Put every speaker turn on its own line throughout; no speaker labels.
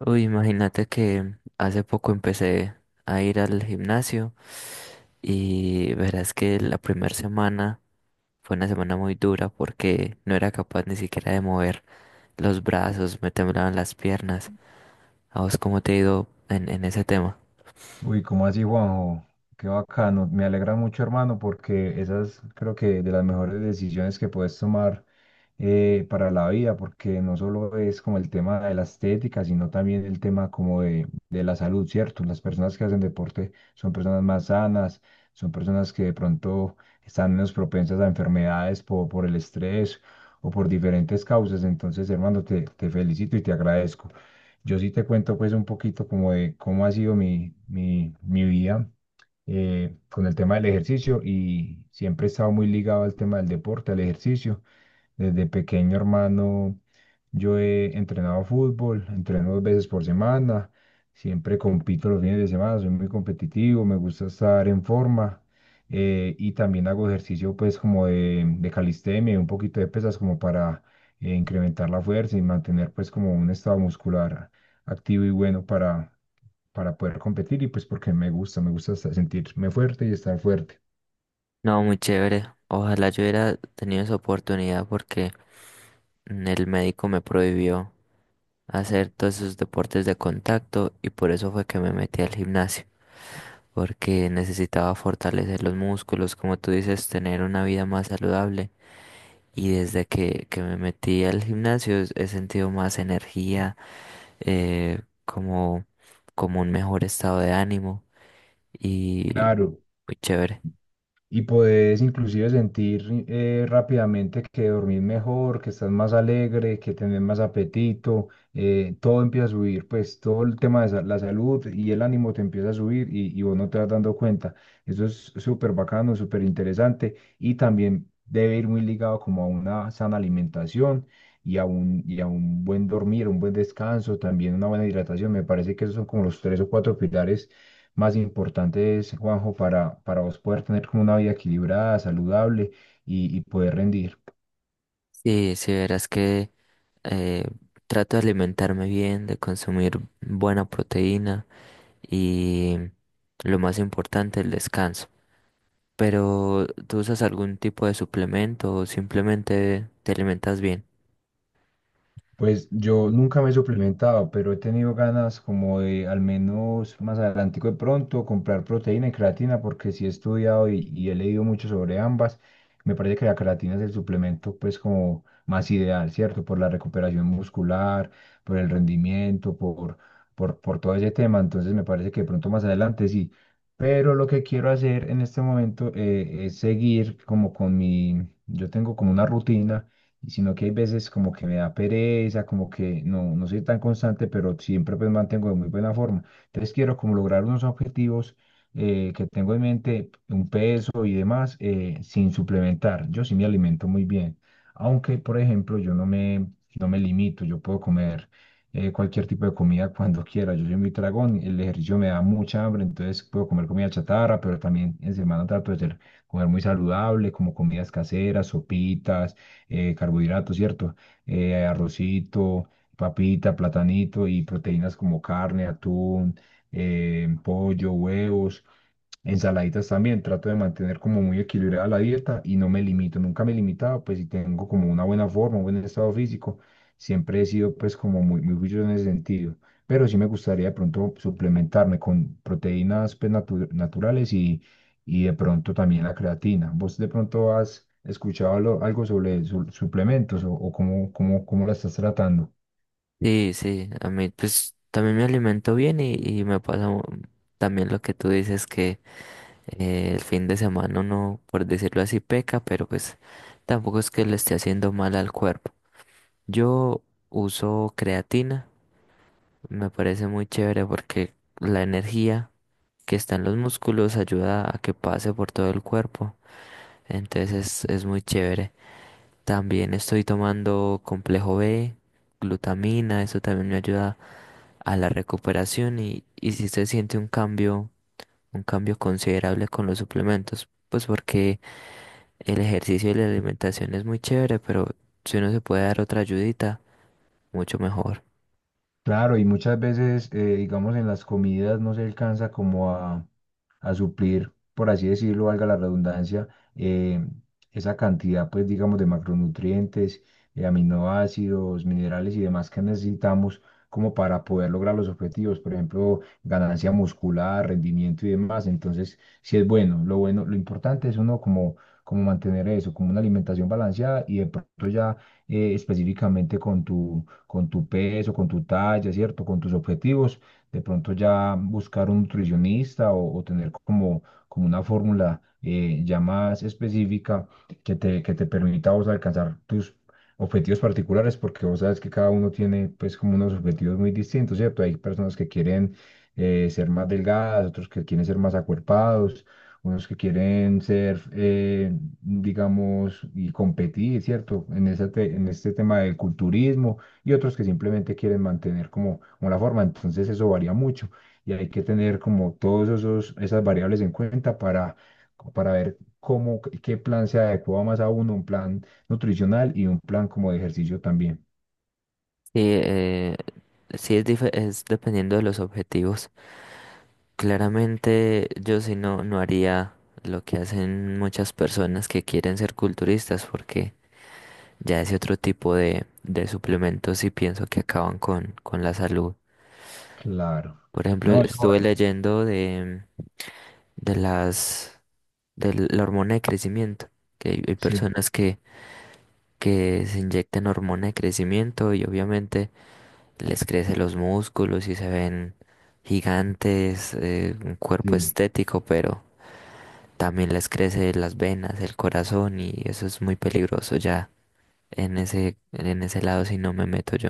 Uy, imagínate que hace poco empecé a ir al gimnasio y verás que la primera semana fue una semana muy dura porque no era capaz ni siquiera de mover los brazos, me temblaban las piernas. ¿A vos cómo te ha ido en ese tema?
Uy, ¿cómo así, Juanjo? Qué bacano. Me alegra mucho, hermano, porque esas creo que de las mejores decisiones que puedes tomar para la vida, porque no solo es como el tema de la estética, sino también el tema como de la salud, ¿cierto? Las personas que hacen deporte son personas más sanas, son personas que de pronto están menos propensas a enfermedades por el estrés o por diferentes causas. Entonces, hermano, te felicito y te agradezco. Yo sí te cuento pues un poquito como de cómo ha sido mi vida con el tema del ejercicio y siempre he estado muy ligado al tema del deporte, al ejercicio. Desde pequeño hermano yo he entrenado fútbol, entreno dos veces por semana, siempre compito los fines de semana, soy muy competitivo, me gusta estar en forma y también hago ejercicio pues como de calistenia y un poquito de pesas como para incrementar la fuerza y mantener pues como un estado muscular activo y bueno para poder competir y pues porque me gusta hasta sentirme fuerte y estar fuerte.
No, muy chévere. Ojalá yo hubiera tenido esa oportunidad porque el médico me prohibió hacer todos esos deportes de contacto y por eso fue que me metí al gimnasio. Porque necesitaba fortalecer los músculos, como tú dices, tener una vida más saludable. Y desde que me metí al gimnasio he sentido más energía, eh, como, como un mejor estado de ánimo y
Claro,
muy chévere.
y puedes inclusive sentir rápidamente que dormís mejor, que estás más alegre, que tenés más apetito, todo empieza a subir, pues todo el tema de la salud y el ánimo te empieza a subir y vos no te vas dando cuenta. Eso es súper bacano, súper interesante y también debe ir muy ligado como a una sana alimentación. Y a un buen dormir, un buen descanso, también una buena hidratación. Me parece que esos son como los tres o cuatro pilares más importantes, Juanjo, para vos poder tener como una vida equilibrada, saludable y poder rendir.
Sí, sí, verás que eh, trato de alimentarme bien, de consumir buena proteína y lo más importante, el descanso. Pero ¿tú usas algún tipo de suplemento o simplemente te alimentas bien?
Pues yo nunca me he suplementado, pero he tenido ganas como de al menos más adelante de pronto comprar proteína y creatina porque sí he estudiado y he leído mucho sobre ambas. Me parece que la creatina es el suplemento pues como más ideal, ¿cierto? Por la recuperación muscular, por el rendimiento, por todo ese tema. Entonces me parece que de pronto más adelante sí. Pero lo que quiero hacer en este momento es seguir como con mi, yo tengo como una rutina sino que hay veces como que me da pereza, como que no, no soy tan constante, pero siempre pues mantengo de muy buena forma. Entonces quiero como lograr unos objetivos que tengo en mente, un peso y demás, sin suplementar. Yo sí me alimento muy bien, aunque por ejemplo yo no me, no me limito, yo puedo comer cualquier tipo de comida cuando quiera. Yo soy muy tragón, el ejercicio me da mucha hambre, entonces puedo comer comida chatarra, pero también en semana comer muy saludable, como comidas caseras, sopitas carbohidratos, ¿cierto? Arrocito, papita, platanito y proteínas como carne, atún, pollo, huevos. Ensaladitas también, trato de mantener como muy equilibrada la dieta y no me limito, nunca me he limitado, pues si tengo como una buena forma, un buen estado físico, siempre he sido pues como muy, muy juicioso en ese sentido, pero sí me gustaría de pronto suplementarme con proteínas pues, naturales y de pronto también la creatina. ¿Vos de pronto has escuchado algo sobre suplementos o cómo, cómo, cómo la estás tratando?
Sí, sí, a mí pues también me alimento bien y me pasa también lo que tú dices que el fin de semana uno, por decirlo así, peca, pero pues tampoco es que le esté haciendo mal al cuerpo. Yo uso creatina, me parece muy chévere porque la energía que está en los músculos ayuda a que pase por todo el cuerpo, entonces es muy chévere. También estoy tomando complejo B, glutamina, eso también me ayuda a la recuperación y si se siente un cambio, un cambio considerable con los suplementos, pues porque el ejercicio y la alimentación es muy chévere, pero si uno se puede dar otra ayudita, mucho mejor.
Claro, y muchas veces, digamos, en las comidas no se alcanza como a suplir, por así decirlo, valga la redundancia, eh, esa cantidad, pues, digamos, de macronutrientes, aminoácidos, minerales y demás que necesitamos como para poder lograr los objetivos, por ejemplo, ganancia muscular, rendimiento y demás. Entonces, sí es bueno, lo importante es uno como, como mantener eso, como una alimentación balanceada y de pronto ya específicamente con tu peso, con tu talla, ¿cierto? Con tus objetivos, de pronto ya buscar un nutricionista o tener como, como una fórmula ya más específica que te permita a vos alcanzar tus objetivos particulares, porque vos sabes que cada uno tiene pues como unos objetivos muy distintos, ¿cierto? Hay personas que quieren ser más delgadas, otros que quieren ser más acuerpados, unos que quieren ser, digamos, y competir, ¿cierto? En este tema del culturismo y otros que simplemente quieren mantener como, como la forma. Entonces eso varía mucho y hay que tener como todos esos, esas variables en cuenta para ver cómo, qué plan se adecua más a uno, un plan nutricional y un plan como de ejercicio también.
Sí, es dependiendo de los objetivos. Claramente yo sí no, no haría lo que hacen muchas personas que quieren ser culturistas porque ya ese otro tipo de suplementos sí pienso que acaban con la salud.
Claro.
Por ejemplo,
No, eso,
estuve leyendo de las de la hormona de crecimiento, que hay
sí,
personas que se inyectan hormona de crecimiento y obviamente les crecen los músculos y se ven gigantes, un cuerpo
sí.
estético, pero también les crece las venas, el corazón y eso es muy peligroso ya en ese lado si no me meto yo.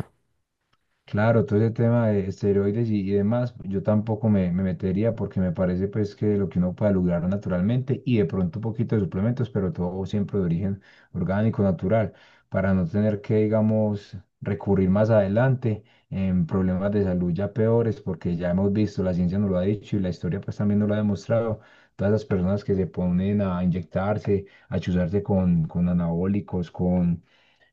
Claro, todo ese tema de esteroides y demás, yo tampoco me metería porque me parece pues que lo que uno puede lograr naturalmente y de pronto un poquito de suplementos, pero todo siempre de origen orgánico, natural, para no tener que, digamos, recurrir más adelante en problemas de salud ya peores, porque ya hemos visto, la ciencia nos lo ha dicho y la historia pues también nos lo ha demostrado, todas las personas que se ponen a inyectarse, a chuzarse con anabólicos, con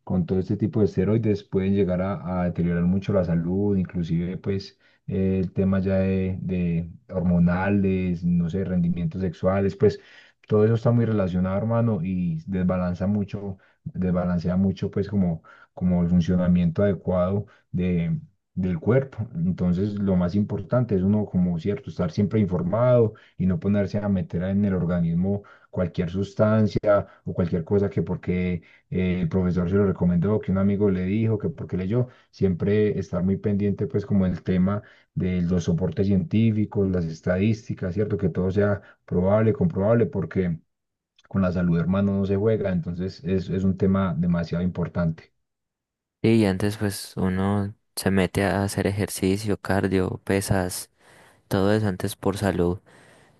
con todo este tipo de esteroides pueden llegar a deteriorar mucho la salud, inclusive pues el tema ya de hormonales, no sé, rendimientos sexuales, pues todo eso está muy relacionado, hermano, y desbalanza mucho, desbalancea mucho pues como, como el funcionamiento adecuado de... del cuerpo. Entonces, lo más importante es uno, como cierto, estar siempre informado y no ponerse a meter en el organismo cualquier sustancia o cualquier cosa que porque el profesor se lo recomendó, que un amigo le dijo, que porque leyó, siempre estar muy pendiente pues como el tema de los soportes científicos, las estadísticas, ¿cierto? Que todo sea probable, comprobable, porque con la salud, hermano, no se juega, entonces es un tema demasiado importante.
Sí. Y antes pues uno se mete a hacer ejercicio, cardio, pesas, todo eso antes por salud,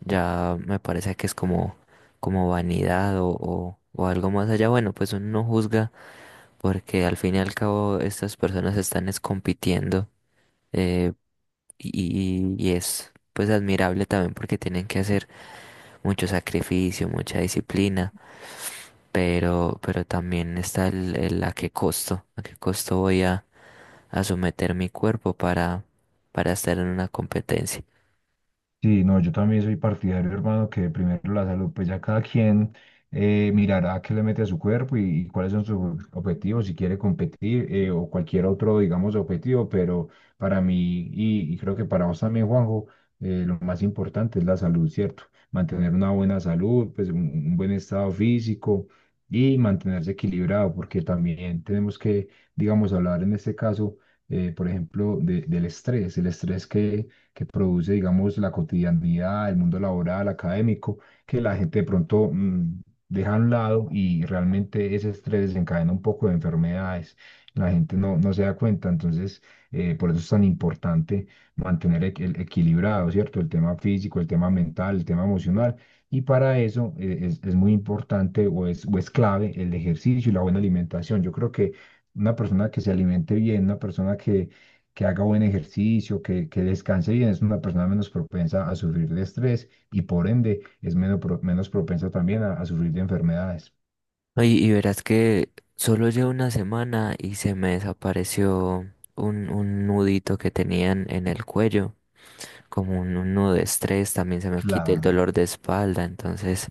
ya me parece que es como, como vanidad o algo más allá. Bueno, pues uno no juzga porque al fin y al cabo estas personas están es compitiendo. Eh, y es pues admirable también porque tienen que hacer mucho sacrificio, mucha disciplina, pero también está el a qué costo voy a someter mi cuerpo para estar en una competencia.
Sí, no, yo también soy partidario, hermano, que primero la salud, pues ya cada quien mirará qué le mete a su cuerpo y cuáles son sus objetivos, si quiere competir o cualquier otro, digamos, objetivo, pero para mí y creo que para vos también, Juanjo, lo más importante es la salud, ¿cierto? Mantener una buena salud, pues un buen estado físico y mantenerse equilibrado, porque también tenemos que, digamos, hablar en este caso, por ejemplo, del estrés, el estrés que produce, digamos, la cotidianidad, el mundo laboral, académico, que la gente de pronto deja a un lado y realmente ese estrés desencadena un poco de enfermedades. La gente no, no se da cuenta, entonces por eso es tan importante mantener el equilibrado, ¿cierto? El tema físico, el tema mental, el tema emocional. Y para eso es muy importante o es clave el ejercicio y la buena alimentación. Yo creo que una persona que se alimente bien, una persona que haga buen ejercicio, que descanse bien, es una persona menos propensa a sufrir de estrés y por ende es menos, menos propensa también a sufrir de enfermedades.
Oye, y verás que solo llevo una semana y se me desapareció un nudito que tenían en el cuello. Como un nudo de estrés, también se me quita el
Claro.
dolor de espalda, entonces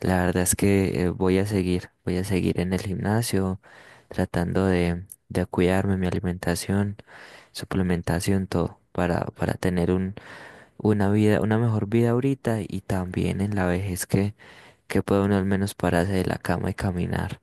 la verdad es que voy a seguir en el gimnasio, tratando de cuidarme, mi alimentación, suplementación, todo, para tener un, una vida, una mejor vida ahorita y también en la vejez que pueda uno al menos pararse de la cama y caminar.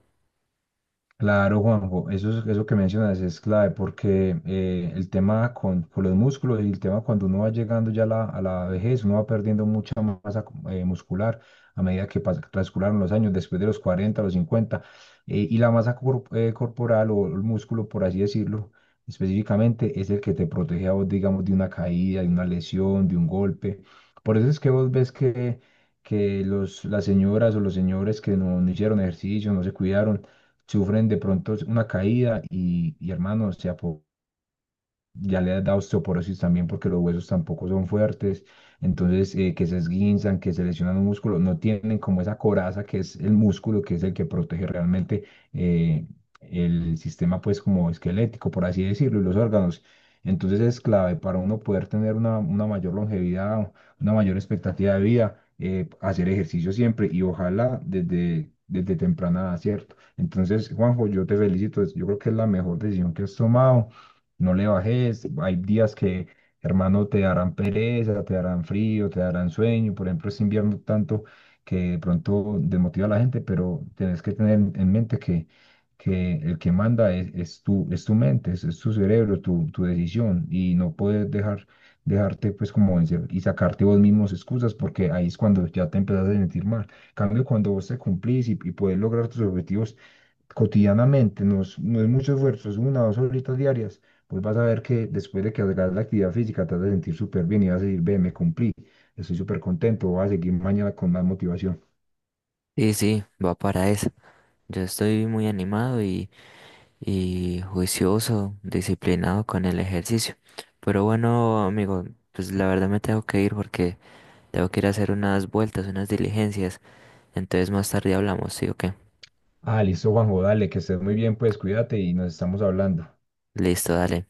Claro, Juanjo, eso, eso que mencionas es clave porque el tema con los músculos y el tema cuando uno va llegando ya a la vejez, uno va perdiendo mucha masa muscular a medida que transcurran los años, después de los 40 los 50 y la masa corporal o el músculo, por así decirlo, específicamente es el que te protege a vos, digamos, de una caída, de una lesión, de un golpe. Por eso es que vos ves que los, las señoras o los señores que no hicieron ejercicio, no se cuidaron, sufren de pronto una caída y hermano, se apoderan ya le da osteoporosis también porque los huesos tampoco son fuertes, entonces que se esguinzan, que se lesionan un músculo, no tienen como esa coraza que es el músculo, que es el que protege realmente eh, el sistema pues como esquelético, por así decirlo, y los órganos. Entonces es clave para uno poder tener una mayor longevidad, una mayor expectativa de vida, hacer ejercicio siempre y ojalá desde, desde temprana edad, ¿cierto? Entonces, Juanjo, yo te felicito, yo creo que es la mejor decisión que has tomado no le bajes. Hay días que, hermano, te darán pereza, te darán frío, te darán sueño. Por ejemplo, este invierno tanto que de pronto desmotiva a la gente, pero tienes que tener en mente que el que manda es tu mente, es tu cerebro, tu decisión y no puedes dejar, dejarte pues como vencer y sacarte vos mismos excusas porque ahí es cuando ya te empiezas a sentir mal. En cambio, cuando vos te cumplís y puedes lograr tus objetivos cotidianamente, no es, no es mucho esfuerzo, es una o dos horitas diarias, pues vas a ver que después de que hagas la actividad física te vas a sentir súper bien y vas a decir, ve, me cumplí, estoy súper contento, voy a seguir mañana con más motivación.
Sí, sí, va para eso. Yo estoy muy animado y juicioso, disciplinado con el ejercicio. Pero bueno, amigo, pues la verdad me tengo que ir porque tengo que ir a hacer unas vueltas, unas diligencias. Entonces más tarde hablamos, ¿sí o qué?
Ah, listo, Juanjo, dale, que estés muy bien, pues cuídate y nos estamos hablando.
Listo, dale.